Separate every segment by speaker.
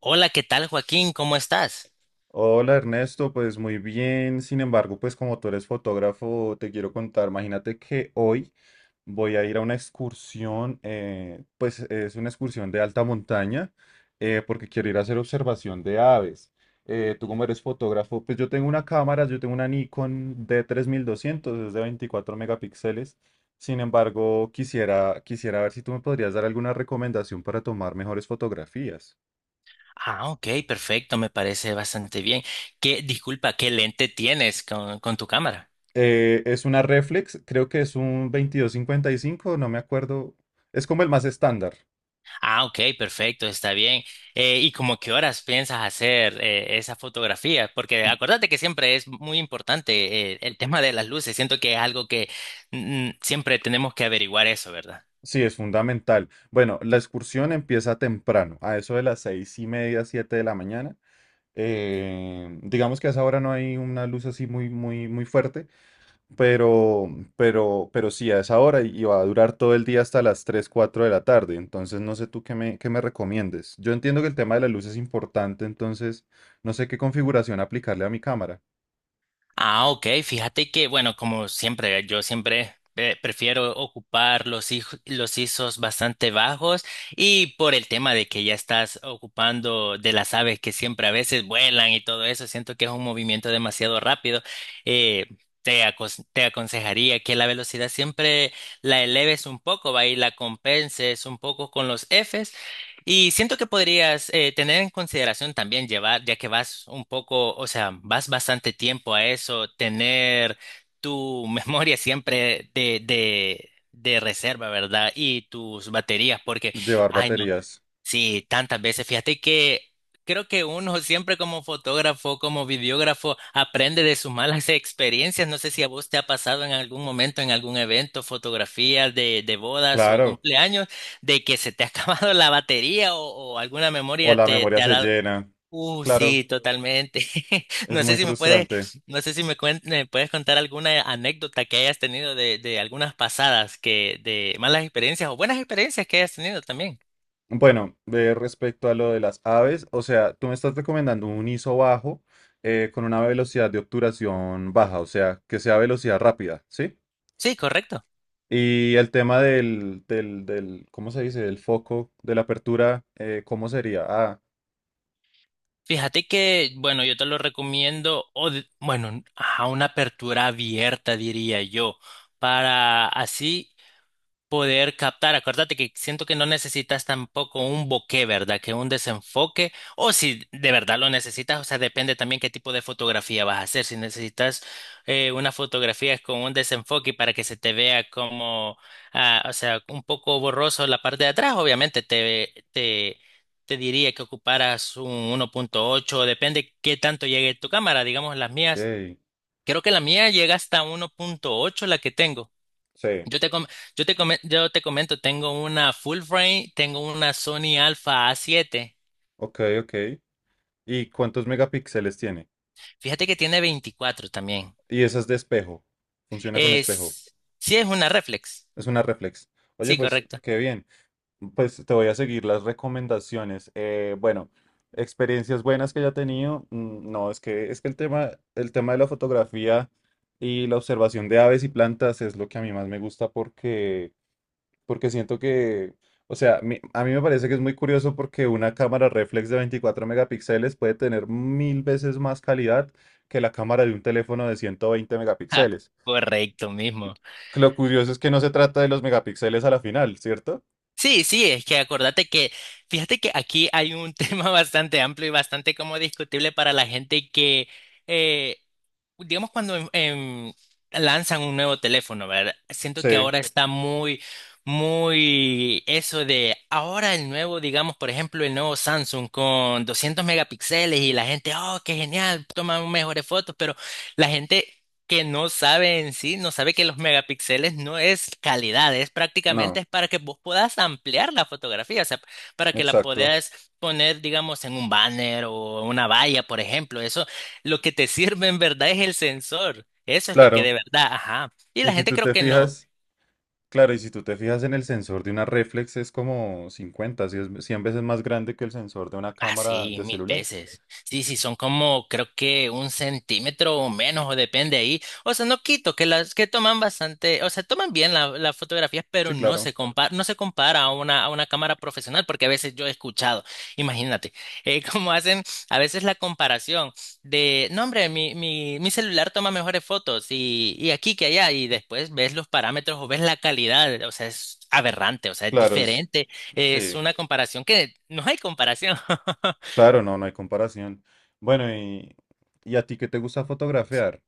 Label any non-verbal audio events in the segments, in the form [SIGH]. Speaker 1: Hola, ¿qué tal, Joaquín? ¿Cómo estás?
Speaker 2: Hola Ernesto, pues muy bien. Sin embargo, pues como tú eres fotógrafo, te quiero contar. Imagínate que hoy voy a ir a una excursión, pues es una excursión de alta montaña, porque quiero ir a hacer observación de aves. Tú como eres fotógrafo, pues yo tengo una cámara, yo tengo una Nikon d 3200, es de 24 megapíxeles. Sin embargo, quisiera ver si tú me podrías dar alguna recomendación para tomar mejores fotografías.
Speaker 1: Ah, ok, perfecto, me parece bastante bien. ¿Qué, disculpa, qué lente tienes con tu cámara?
Speaker 2: Es una reflex, creo que es un 22-55, no me acuerdo. Es como el más estándar.
Speaker 1: Ah, ok, perfecto, está bien. ¿Y como qué horas piensas hacer esa fotografía? Porque acuérdate que siempre es muy importante el tema de las luces. Siento que es algo que siempre tenemos que averiguar eso, ¿verdad?
Speaker 2: Sí, es fundamental. Bueno, la excursión empieza temprano, a eso de las 6:30, 7 de la mañana. Digamos que a esa hora no hay una luz así muy, muy, muy fuerte, pero, pero sí, a esa hora y va a durar todo el día hasta las 3 4 de la tarde. Entonces, no sé tú qué me, recomiendes. Yo entiendo que el tema de la luz es importante, entonces no sé qué configuración aplicarle a mi cámara.
Speaker 1: Ah, ok. Fíjate que, bueno, como siempre, yo siempre prefiero ocupar los, los ISOs bastante bajos y por el tema de que ya estás ocupando de las aves que siempre a veces vuelan y todo eso, siento que es un movimiento demasiado rápido. Eh, Te aconsejaría que la velocidad siempre la eleves un poco, va y la compenses un poco con los Fs y siento que podrías tener en consideración también llevar, ya que vas un poco, o sea, vas bastante tiempo a eso, tener tu [LAUGHS] memoria siempre de reserva, ¿verdad? Y tus baterías, porque,
Speaker 2: Llevar
Speaker 1: ay, no.
Speaker 2: baterías.
Speaker 1: Sí, tantas veces. Fíjate que creo que uno siempre como fotógrafo, como videógrafo, aprende de sus malas [LAUGHS] experiencias. No sé si a vos te ha pasado en algún momento, en algún evento, fotografías de bodas o
Speaker 2: Claro.
Speaker 1: cumpleaños, de que se te ha [LAUGHS] acabado la batería o alguna
Speaker 2: O
Speaker 1: memoria
Speaker 2: la
Speaker 1: te
Speaker 2: memoria
Speaker 1: ha
Speaker 2: se
Speaker 1: dado.
Speaker 2: llena. Claro.
Speaker 1: Sí, totalmente. [LAUGHS]
Speaker 2: Es
Speaker 1: No sé
Speaker 2: muy
Speaker 1: si me puedes,
Speaker 2: frustrante.
Speaker 1: no sé si me puedes contar alguna anécdota que hayas tenido de algunas pasadas que, de malas experiencias o buenas experiencias que hayas tenido también.
Speaker 2: Bueno, de respecto a lo de las aves, o sea, tú me estás recomendando un ISO bajo con una velocidad de obturación baja, o sea, que sea velocidad rápida, ¿sí?
Speaker 1: Sí, correcto.
Speaker 2: Y el tema del, ¿cómo se dice? Del foco, de la apertura, ¿cómo sería? Ah,
Speaker 1: Fíjate que, bueno, yo te lo recomiendo, bueno, a una apertura abierta, diría yo, para así poder captar. Acuérdate que siento que no necesitas tampoco un bokeh, ¿verdad? Que un desenfoque. O si de verdad lo necesitas, o sea, depende también qué tipo de fotografía vas a hacer. Si necesitas una fotografía con un desenfoque para que se te vea como, ah, o sea, un poco borroso la parte de atrás, obviamente te diría que ocuparas un 1.8, depende qué tanto llegue tu cámara. Digamos, las mías,
Speaker 2: ok.
Speaker 1: creo que la mía llega hasta 1.8, la que tengo.
Speaker 2: Sí.
Speaker 1: Yo te, com- yo te comento, tengo una full frame, tengo una Sony Alpha A7.
Speaker 2: Ok, ok. ¿Y cuántos megapíxeles tiene?
Speaker 1: Fíjate que tiene 24 también.
Speaker 2: Y esa es de espejo. Funciona con espejo.
Speaker 1: Es, sí, es una reflex.
Speaker 2: Es una reflex. Oye,
Speaker 1: Sí,
Speaker 2: pues
Speaker 1: correcto.
Speaker 2: qué
Speaker 1: [LAUGHS]
Speaker 2: bien. Pues te voy a seguir las recomendaciones. Bueno, experiencias buenas que haya tenido. No, es que el tema de la fotografía y la observación de aves y plantas es lo que a mí más me gusta porque siento que, o sea, a mí me parece que es muy curioso porque una cámara reflex de 24 megapíxeles puede tener 1.000 veces más calidad que la cámara de un teléfono de 120
Speaker 1: Ah,
Speaker 2: megapíxeles.
Speaker 1: correcto mismo.
Speaker 2: Lo curioso es que no se trata de los megapíxeles a la final, ¿cierto?
Speaker 1: Sí, sí, es que acordate que, fíjate que aquí hay un [LAUGHS] tema bastante amplio y bastante como discutible para la gente que eh, digamos cuando lanzan un nuevo teléfono, ¿verdad? Siento que
Speaker 2: Sí,
Speaker 1: ahora está muy, muy eso de ahora el nuevo, digamos, por ejemplo, el nuevo Samsung con 200 megapíxeles y la gente, oh, qué genial, toma mejores fotos, pero la gente que no sabe en sí, no sabe que los megapíxeles no es calidad, es prácticamente
Speaker 2: no,
Speaker 1: es para que vos puedas ampliar la fotografía, o sea, para que la
Speaker 2: exacto,
Speaker 1: puedas poner, digamos, en un banner o una valla, por ejemplo, eso. Lo que te sirve en verdad es el sensor. Eso es lo que
Speaker 2: claro.
Speaker 1: de verdad, ajá. Y
Speaker 2: Y
Speaker 1: la
Speaker 2: si
Speaker 1: gente
Speaker 2: tú
Speaker 1: creo
Speaker 2: te
Speaker 1: que no.
Speaker 2: fijas, Claro, y si tú te fijas en el sensor de una reflex es como 50, 100 veces más grande que el sensor de una
Speaker 1: Ah,
Speaker 2: cámara
Speaker 1: sí,
Speaker 2: de
Speaker 1: mil
Speaker 2: celular.
Speaker 1: veces. Sí, sí, son como creo que un centímetro o menos, o depende ahí. O sea, no quito que las que toman bastante, o sea, toman bien la- las fotografías, pero
Speaker 2: Sí,
Speaker 1: no
Speaker 2: claro,
Speaker 1: se compara, no se compara a una cámara profesional, porque a veces yo he escuchado, imagínate, [LAUGHS] cómo hacen a veces la comparación de, no, hombre, mi celular toma mejores fotos y aquí que allá, y después ves los parámetros o ves la calidad, o sea, es aberrante, o sea, es
Speaker 2: claro,
Speaker 1: diferente. Es
Speaker 2: sí,
Speaker 1: una comparación que no hay comparación.
Speaker 2: claro, no, no hay comparación. Bueno, ¿y a ti qué te gusta fotografiar?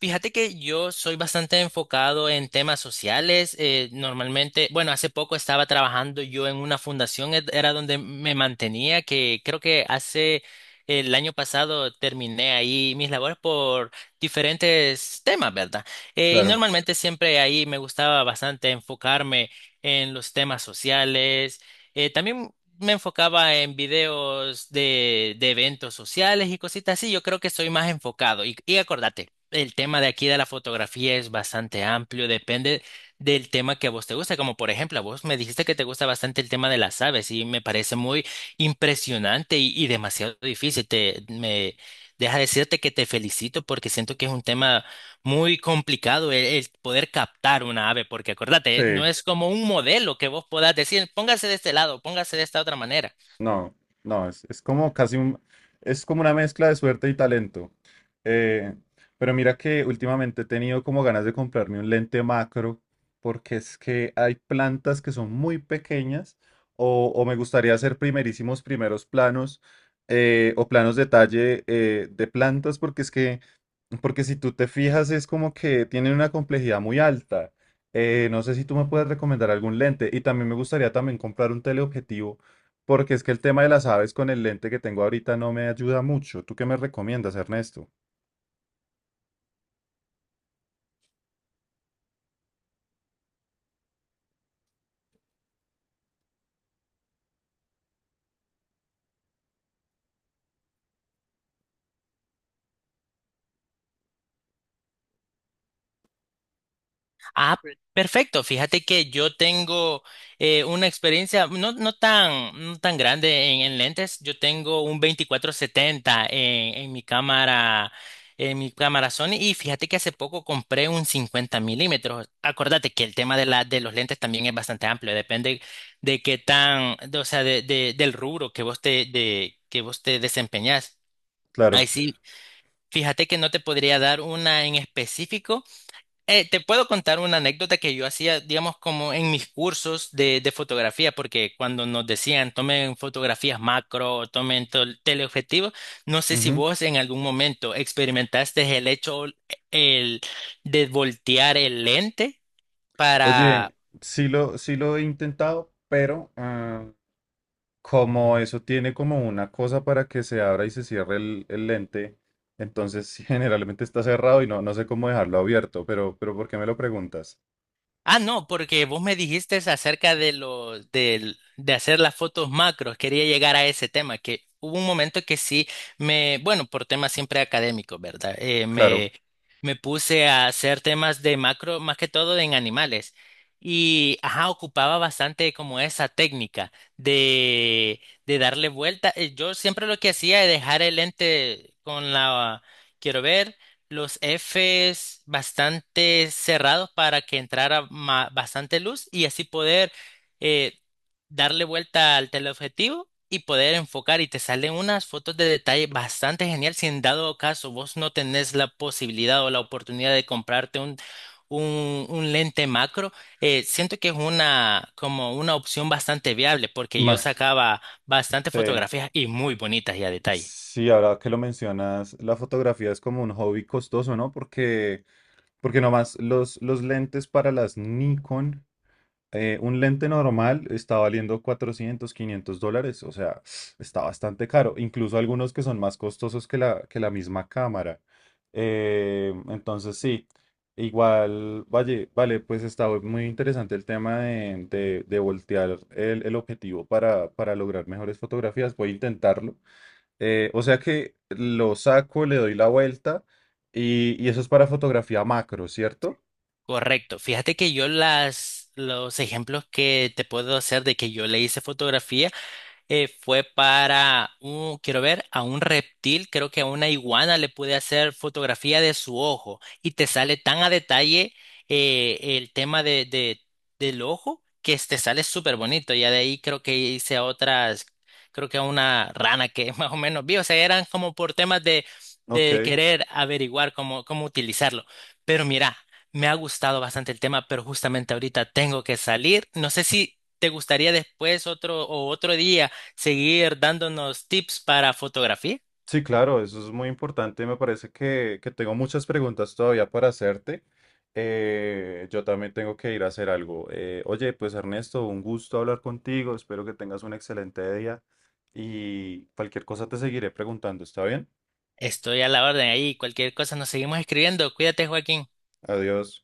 Speaker 1: Fíjate que yo soy bastante enfocado en temas sociales. Normalmente, bueno, hace poco estaba trabajando yo en una fundación, era donde me mantenía, que creo que hace el año pasado terminé ahí mis labores por diferentes temas, ¿verdad? Y
Speaker 2: Claro,
Speaker 1: normalmente siempre ahí me gustaba bastante enfocarme en los temas sociales. También me enfocaba en videos de eventos sociales y cositas así. Yo creo que soy más enfocado. Y acordate. El tema de aquí de la fotografía es bastante amplio, depende del tema que a vos te gusta. Como por ejemplo, a vos me dijiste que te gusta bastante el tema de las aves y me parece muy impresionante y demasiado difícil. Me deja decirte que te felicito porque siento que es un tema muy complicado el poder captar una ave, porque
Speaker 2: sí.
Speaker 1: acordate, no es como un modelo que vos puedas decir, póngase de este lado, póngase de esta otra manera.
Speaker 2: No, no, es como una mezcla de suerte y talento. Eh, pero mira que últimamente he tenido como ganas de comprarme un lente macro, porque es que hay plantas que son muy pequeñas, o me gustaría hacer primerísimos primeros planos, o planos detalle de plantas, porque es que porque si tú te fijas, es como que tienen una complejidad muy alta. No sé si tú me puedes recomendar algún lente. Y también me gustaría también comprar un teleobjetivo, porque es que el tema de las aves con el lente que tengo ahorita no me ayuda mucho. ¿Tú qué me recomiendas, Ernesto?
Speaker 1: Perfecto. Fíjate que yo tengo una experiencia no, no tan, no tan grande en lentes. Yo tengo un 2470 en mi cámara, en mi cámara Sony. Y fíjate que hace poco compré un 50 mm. Acordate que el tema de la, de los lentes también es bastante amplio. Depende de qué tan, o sea, del rubro que vos te, de, que vos te desempeñás. Ahí
Speaker 2: Claro.
Speaker 1: sí, fíjate que no te podría dar una en específico. Te puedo contar una anécdota que yo hacía, digamos, como en mis cursos de fotografía, porque cuando nos decían tomen fotografías macro, o tomen teleobjetivos, no sé si
Speaker 2: Ujú.
Speaker 1: vos en algún momento experimentaste el hecho el, de voltear el lente para
Speaker 2: Oye, sí lo he intentado, pero como eso tiene como una cosa para que se abra y se cierre el, lente, entonces [LAUGHS] generalmente está cerrado y no, no sé cómo dejarlo abierto, pero ¿por qué me lo preguntas?
Speaker 1: Ah, no, porque vos me dijiste acerca de lo de hacer las fotos macros. Quería llegar a ese tema, que hubo un momento que sí me, bueno, por temas siempre académicos, ¿verdad?
Speaker 2: Claro.
Speaker 1: Me puse a hacer temas de macro, más que todo en animales. Y, ajá, ocupaba bastante como esa técnica de darle vuelta. Yo siempre lo que hacía es dejar el lente con la, quiero ver los Fs bastante cerrados para que entrara bastante luz y así poder eh, darle vuelta al teleobjetivo y poder enfocar y te salen unas fotos de detalle bastante genial si en dado caso vos no tenés la posibilidad o la oportunidad de comprarte un lente macro, siento que es una como una opción bastante viable porque yo
Speaker 2: Más,
Speaker 1: sacaba bastante
Speaker 2: sí,
Speaker 1: fotografías y muy bonitas y a detalle.
Speaker 2: sí, ahora que lo mencionas, la fotografía es como un hobby costoso, ¿no? porque nomás los lentes para las Nikon un lente normal está valiendo 400 500 dólares, o sea, está bastante caro. Incluso algunos que son más costosos que la, misma cámara. Entonces, sí, igual, vale, vale, pues está muy interesante el tema de voltear el, objetivo para lograr mejores fotografías. Voy a intentarlo. O sea que lo saco, le doy la vuelta y eso es para fotografía macro, ¿cierto?
Speaker 1: Correcto. Fíjate que yo las, los ejemplos que te puedo hacer de que yo le hice fotografía fue para un, quiero ver, a un reptil, creo que a una iguana le pude hacer fotografía de su ojo y te sale tan a detalle el tema del ojo que te sale súper bonito. Ya de ahí creo que hice a otras, creo que a una rana que [LAUGHS] más o menos vi, o sea, eran como por temas de
Speaker 2: Ok.
Speaker 1: querer averiguar cómo, cómo utilizarlo. Pero mira. Me ha gustado bastante el tema, pero justamente ahorita tengo que salir. No sé si te gustaría después otro o otro día seguir dándonos tips para fotografía.
Speaker 2: Sí, claro, eso es muy importante. Me parece que tengo muchas preguntas todavía para hacerte. Yo también tengo que ir a hacer algo. Oye, pues Ernesto, un gusto hablar contigo. Espero que tengas un excelente día y cualquier cosa te seguiré preguntando. ¿Está bien?
Speaker 1: Estoy a la orden ahí. Cualquier cosa nos seguimos escribiendo. Cuídate, Joaquín.
Speaker 2: Adiós.